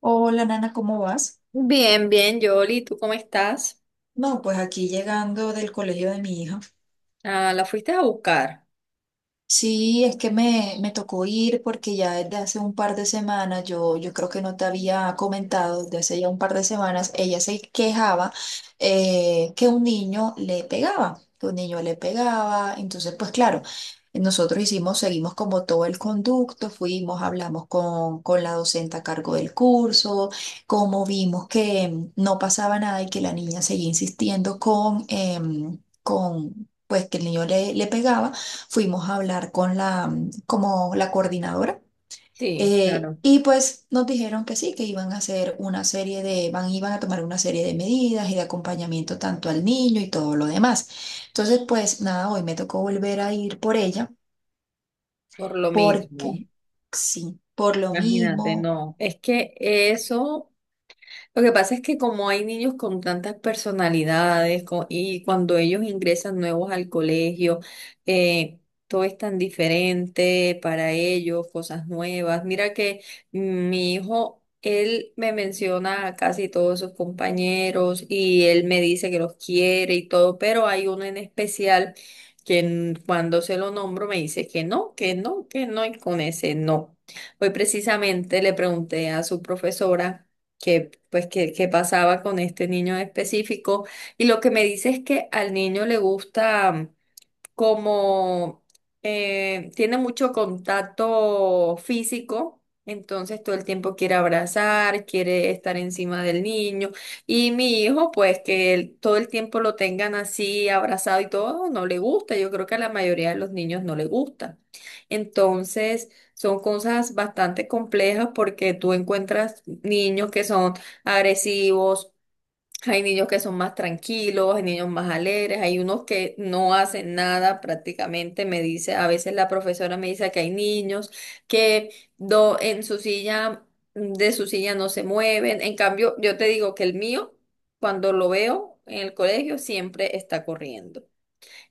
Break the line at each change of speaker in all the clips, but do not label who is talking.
Hola, Nana, ¿cómo vas?
Bien, bien, Yoli, ¿tú cómo estás?
No, pues aquí llegando del colegio de mi hija.
Ah, la fuiste a buscar.
Sí, es que me tocó ir porque ya desde hace un par de semanas, yo creo que no te había comentado, desde hace ya un par de semanas, ella se quejaba, que un niño le pegaba, que un niño le pegaba. Entonces, pues claro, nosotros hicimos, seguimos como todo el conducto, fuimos, hablamos con la docente a cargo del curso, como vimos que no pasaba nada y que la niña seguía insistiendo con pues que el niño le pegaba, fuimos a hablar con la, como la coordinadora.
Sí, claro,
Y pues nos dijeron que sí, que iban a hacer una serie de, iban a tomar una serie de medidas y de acompañamiento tanto al niño y todo lo demás. Entonces, pues nada, hoy me tocó volver a ir por ella
por lo mismo.
porque sí, por lo
Imagínate,
mismo.
no. Es que eso lo que pasa es que como hay niños con tantas personalidades y cuando ellos ingresan nuevos al colegio, eh, todo es tan diferente para ellos, cosas nuevas. Mira que mi hijo, él me menciona a casi todos sus compañeros y él me dice que los quiere y todo, pero hay uno en especial que cuando se lo nombro me dice que no, que no, que no y con ese no. Hoy precisamente le pregunté a su profesora qué pasaba con este niño en específico. Y lo que me dice es que al niño le gusta como tiene mucho contacto físico, entonces todo el tiempo quiere abrazar, quiere estar encima del niño. Y mi hijo, pues que todo el tiempo lo tengan así abrazado y todo, no le gusta. Yo creo que a la mayoría de los niños no le gusta. Entonces, son cosas bastante complejas porque tú encuentras niños que son agresivos, hay niños que son más tranquilos, hay niños más alegres, hay unos que no hacen nada prácticamente, me dice, a veces la profesora me dice que hay niños que en su silla, de su silla no se mueven. En cambio, yo te digo que el mío, cuando lo veo en el colegio, siempre está corriendo.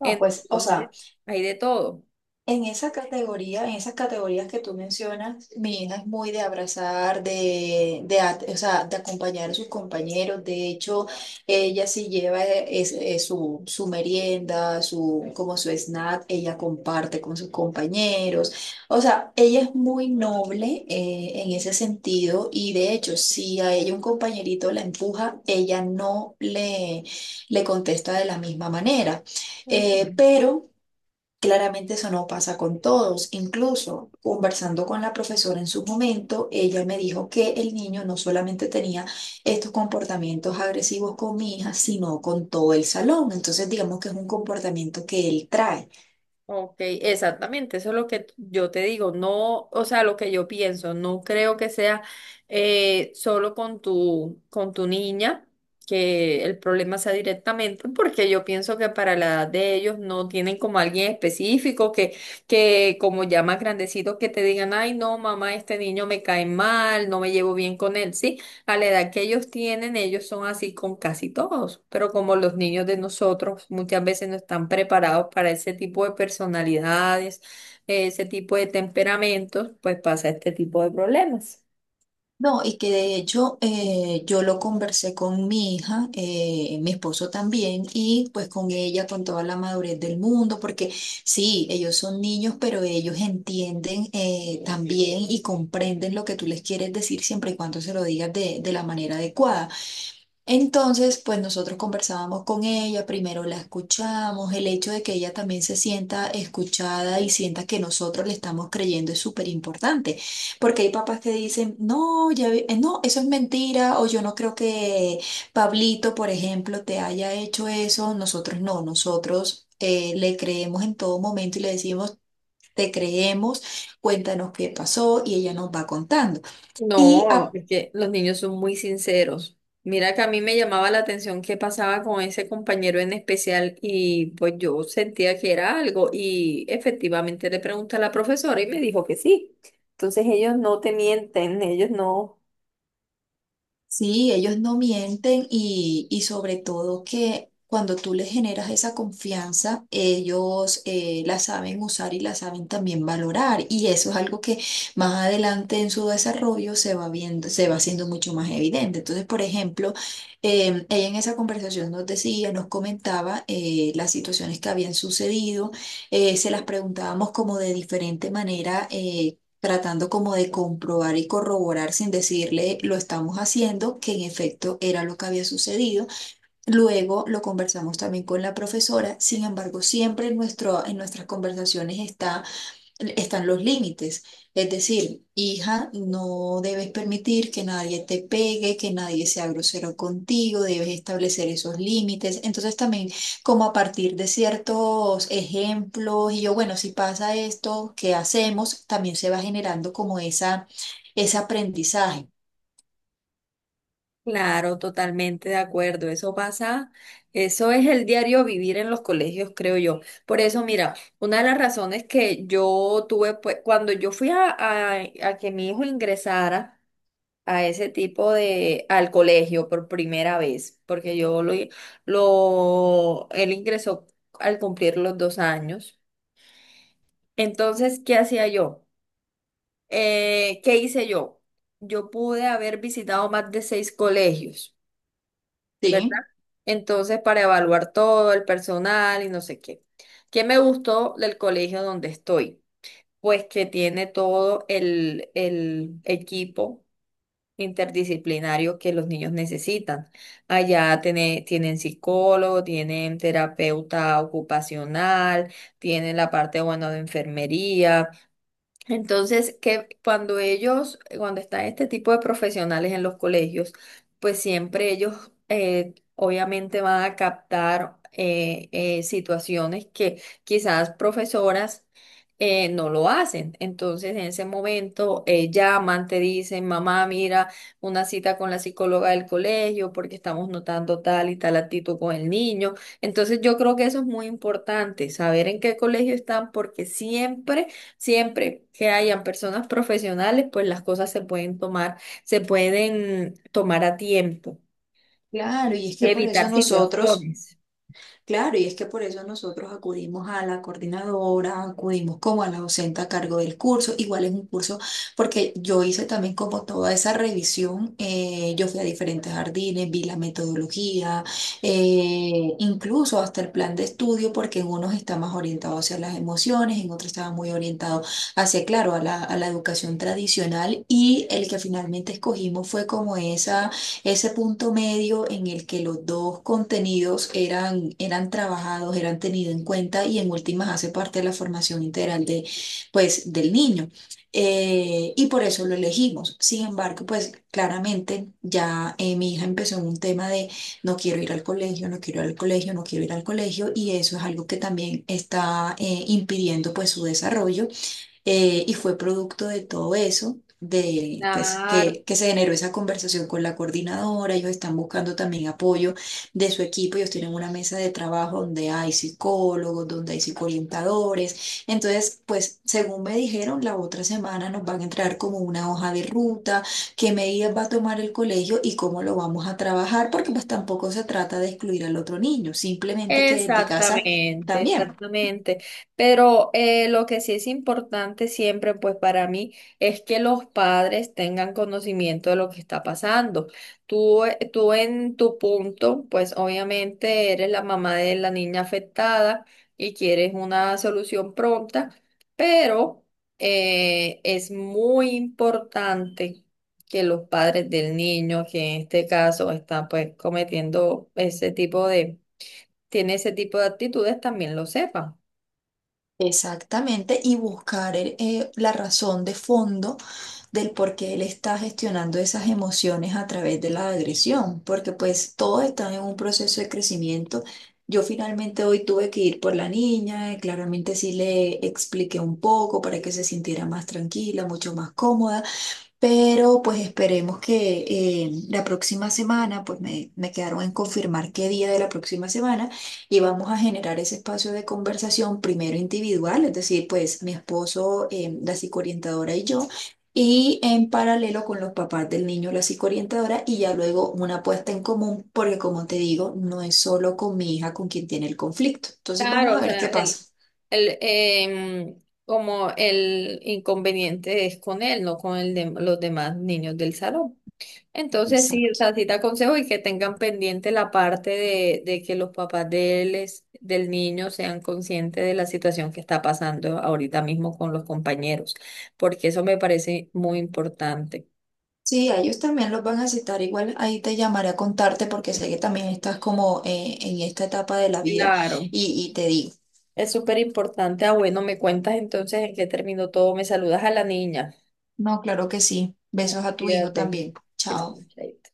No, pues, o sea.
Entonces, hay de todo.
En esa categoría, en esas categorías que tú mencionas, mi hija es muy de abrazar, o sea, de acompañar a sus compañeros. De hecho, ella sí lleva su merienda, su, como su snack, ella comparte con sus compañeros. O sea, ella es muy noble, en ese sentido y de hecho, si a ella un compañerito la empuja, ella no le, le contesta de la misma manera. Eh,
Ujú.
pero... Claramente eso no pasa con todos. Incluso conversando con la profesora en su momento, ella me dijo que el niño no solamente tenía estos comportamientos agresivos con mi hija, sino con todo el salón. Entonces digamos que es un comportamiento que él trae.
Ok, exactamente, eso es lo que yo te digo, no, o sea, lo que yo pienso, no creo que sea solo con con tu niña, que el problema sea directamente, porque yo pienso que para la edad de ellos no tienen como alguien específico que como ya más grandecitos que te digan, ay, no, mamá, este niño me cae mal, no me llevo bien con él, ¿sí? A la edad que ellos tienen, ellos son así con casi todos, pero como los niños de nosotros muchas veces no están preparados para ese tipo de personalidades, ese tipo de temperamentos, pues pasa este tipo de problemas.
No, y que de hecho, yo lo conversé con mi hija, mi esposo también, y pues con ella, con toda la madurez del mundo, porque sí, ellos son niños, pero ellos entienden, también y comprenden lo que tú les quieres decir siempre y cuando se lo digas de la manera adecuada. Entonces, pues nosotros conversábamos con ella, primero la escuchamos, el hecho de que ella también se sienta escuchada y sienta que nosotros le estamos creyendo es súper importante, porque hay papás que dicen, no, no, eso es mentira, o yo no creo que Pablito, por ejemplo, te haya hecho eso, nosotros no, nosotros le creemos en todo momento y le decimos, te creemos, cuéntanos qué pasó y ella nos va contando. Y
No, es que los niños son muy sinceros. Mira que a mí me llamaba la atención qué pasaba con ese compañero en especial y pues yo sentía que era algo y efectivamente le pregunté a la profesora y me dijo que sí. Entonces ellos no te mienten, ellos no.
Sí, ellos no mienten y sobre todo que cuando tú les generas esa confianza, ellos, la saben usar y la saben también valorar. Y eso es algo que más adelante en su desarrollo se va viendo, se va haciendo mucho más evidente. Entonces, por ejemplo, ella en esa conversación nos decía, nos comentaba, las situaciones que habían sucedido, se las preguntábamos como de diferente manera, tratando como de comprobar y corroborar sin decirle lo estamos haciendo, que en efecto era lo que había sucedido. Luego lo conversamos también con la profesora, sin embargo, siempre en nuestras conversaciones están los límites. Es decir, hija, no debes permitir que nadie te pegue, que nadie sea grosero contigo, debes establecer esos límites. Entonces también, como a partir de ciertos ejemplos y yo, bueno, si pasa esto, ¿qué hacemos? También se va generando como ese aprendizaje,
Claro, totalmente de acuerdo. Eso pasa, eso es el diario vivir en los colegios, creo yo. Por eso, mira, una de las razones que yo tuve, pues, cuando yo fui a, a que mi hijo ingresara a ese tipo de, al colegio por primera vez, porque yo él ingresó al cumplir los dos años. Entonces, ¿qué hacía yo? ¿qué hice yo? Yo pude haber visitado más de seis colegios. ¿Verdad?
¿sí?
Entonces, para evaluar todo el personal y no sé qué. ¿Qué me gustó del colegio donde estoy? Pues que tiene todo el equipo interdisciplinario que los niños necesitan. Allá tienen psicólogo, tienen terapeuta ocupacional, tienen la parte, bueno, de enfermería, entonces, que cuando ellos, cuando están este tipo de profesionales en los colegios, pues siempre ellos obviamente van a captar situaciones que quizás profesoras no lo hacen. Entonces, en ese momento llaman, te dicen, mamá, mira, una cita con la psicóloga del colegio porque estamos notando tal y tal actitud con el niño. Entonces, yo creo que eso es muy importante, saber en qué colegio están porque siempre que hayan personas profesionales, pues las cosas se pueden tomar a tiempo
Claro, y es
y
que por eso
evitar
nosotros...
situaciones.
Claro, y es que por eso nosotros acudimos a la coordinadora, acudimos como a la docente a cargo del curso, igual es un curso, porque yo hice también como toda esa revisión, yo fui a diferentes jardines, vi la metodología, incluso hasta el plan de estudio, porque en unos está más orientado hacia las emociones, en otros estaba muy orientado hacia, claro, a la educación tradicional y el que finalmente escogimos fue como esa ese punto medio en el que los dos contenidos eran trabajados, eran tenidos en cuenta y en últimas hace parte de la formación integral de, pues, del niño. Y por eso lo elegimos. Sin embargo, pues claramente ya, mi hija empezó en un tema de no quiero ir al colegio, no quiero ir al colegio, no quiero ir al colegio y eso es algo que también está, impidiendo pues su desarrollo. Y fue producto de todo eso, de pues
Claro.
que se generó esa conversación con la coordinadora, ellos están buscando también apoyo de su equipo, ellos tienen una mesa de trabajo donde hay psicólogos, donde hay psicoorientadores, entonces pues según me dijeron, la otra semana nos van a entrar como una hoja de ruta, qué medidas va a tomar el colegio y cómo lo vamos a trabajar, porque pues tampoco se trata de excluir al otro niño, simplemente que desde casa...
Exactamente,
También.
exactamente. Pero lo que sí es importante siempre, pues para mí, es que los padres tengan conocimiento de lo que está pasando. Tú, tú en tu punto, pues obviamente eres la mamá de la niña afectada y quieres una solución pronta, pero es muy importante que los padres del niño, que en este caso están pues cometiendo ese tipo de, tiene ese tipo de actitudes, también lo sepan.
Exactamente, y buscar la razón de fondo del por qué él está gestionando esas emociones a través de la agresión, porque pues todos están en un proceso de crecimiento. Yo finalmente hoy tuve que ir por la niña, claramente sí le expliqué un poco para que se sintiera más tranquila, mucho más cómoda. Pero pues esperemos que, la próxima semana, pues me quedaron en confirmar qué día de la próxima semana y vamos a generar ese espacio de conversación primero individual, es decir, pues mi esposo, la psicoorientadora y yo, y en paralelo con los papás del niño, la psicoorientadora, y ya luego una puesta en común, porque como te digo, no es solo con mi hija con quien tiene el conflicto. Entonces vamos
Claro,
a
o
ver
sea,
qué pasa.
el, em, como el inconveniente es con él, no con el de, los demás niños del salón. Entonces sí, o
Exacto.
sea, sí te aconsejo y que tengan pendiente la parte de que los papás de él del niño sean conscientes de la situación que está pasando ahorita mismo con los compañeros, porque eso me parece muy importante.
Sí, a ellos también los van a citar. Igual ahí te llamaré a contarte porque sé que también estás como, en esta etapa de la vida
Claro,
y te digo.
es súper importante. Ah, bueno, me cuentas entonces en qué terminó todo. Me saludas a la niña.
No, claro que sí.
Mm,
Besos a tu hijo
cuídate.
también. Chao.
Claro, chaito.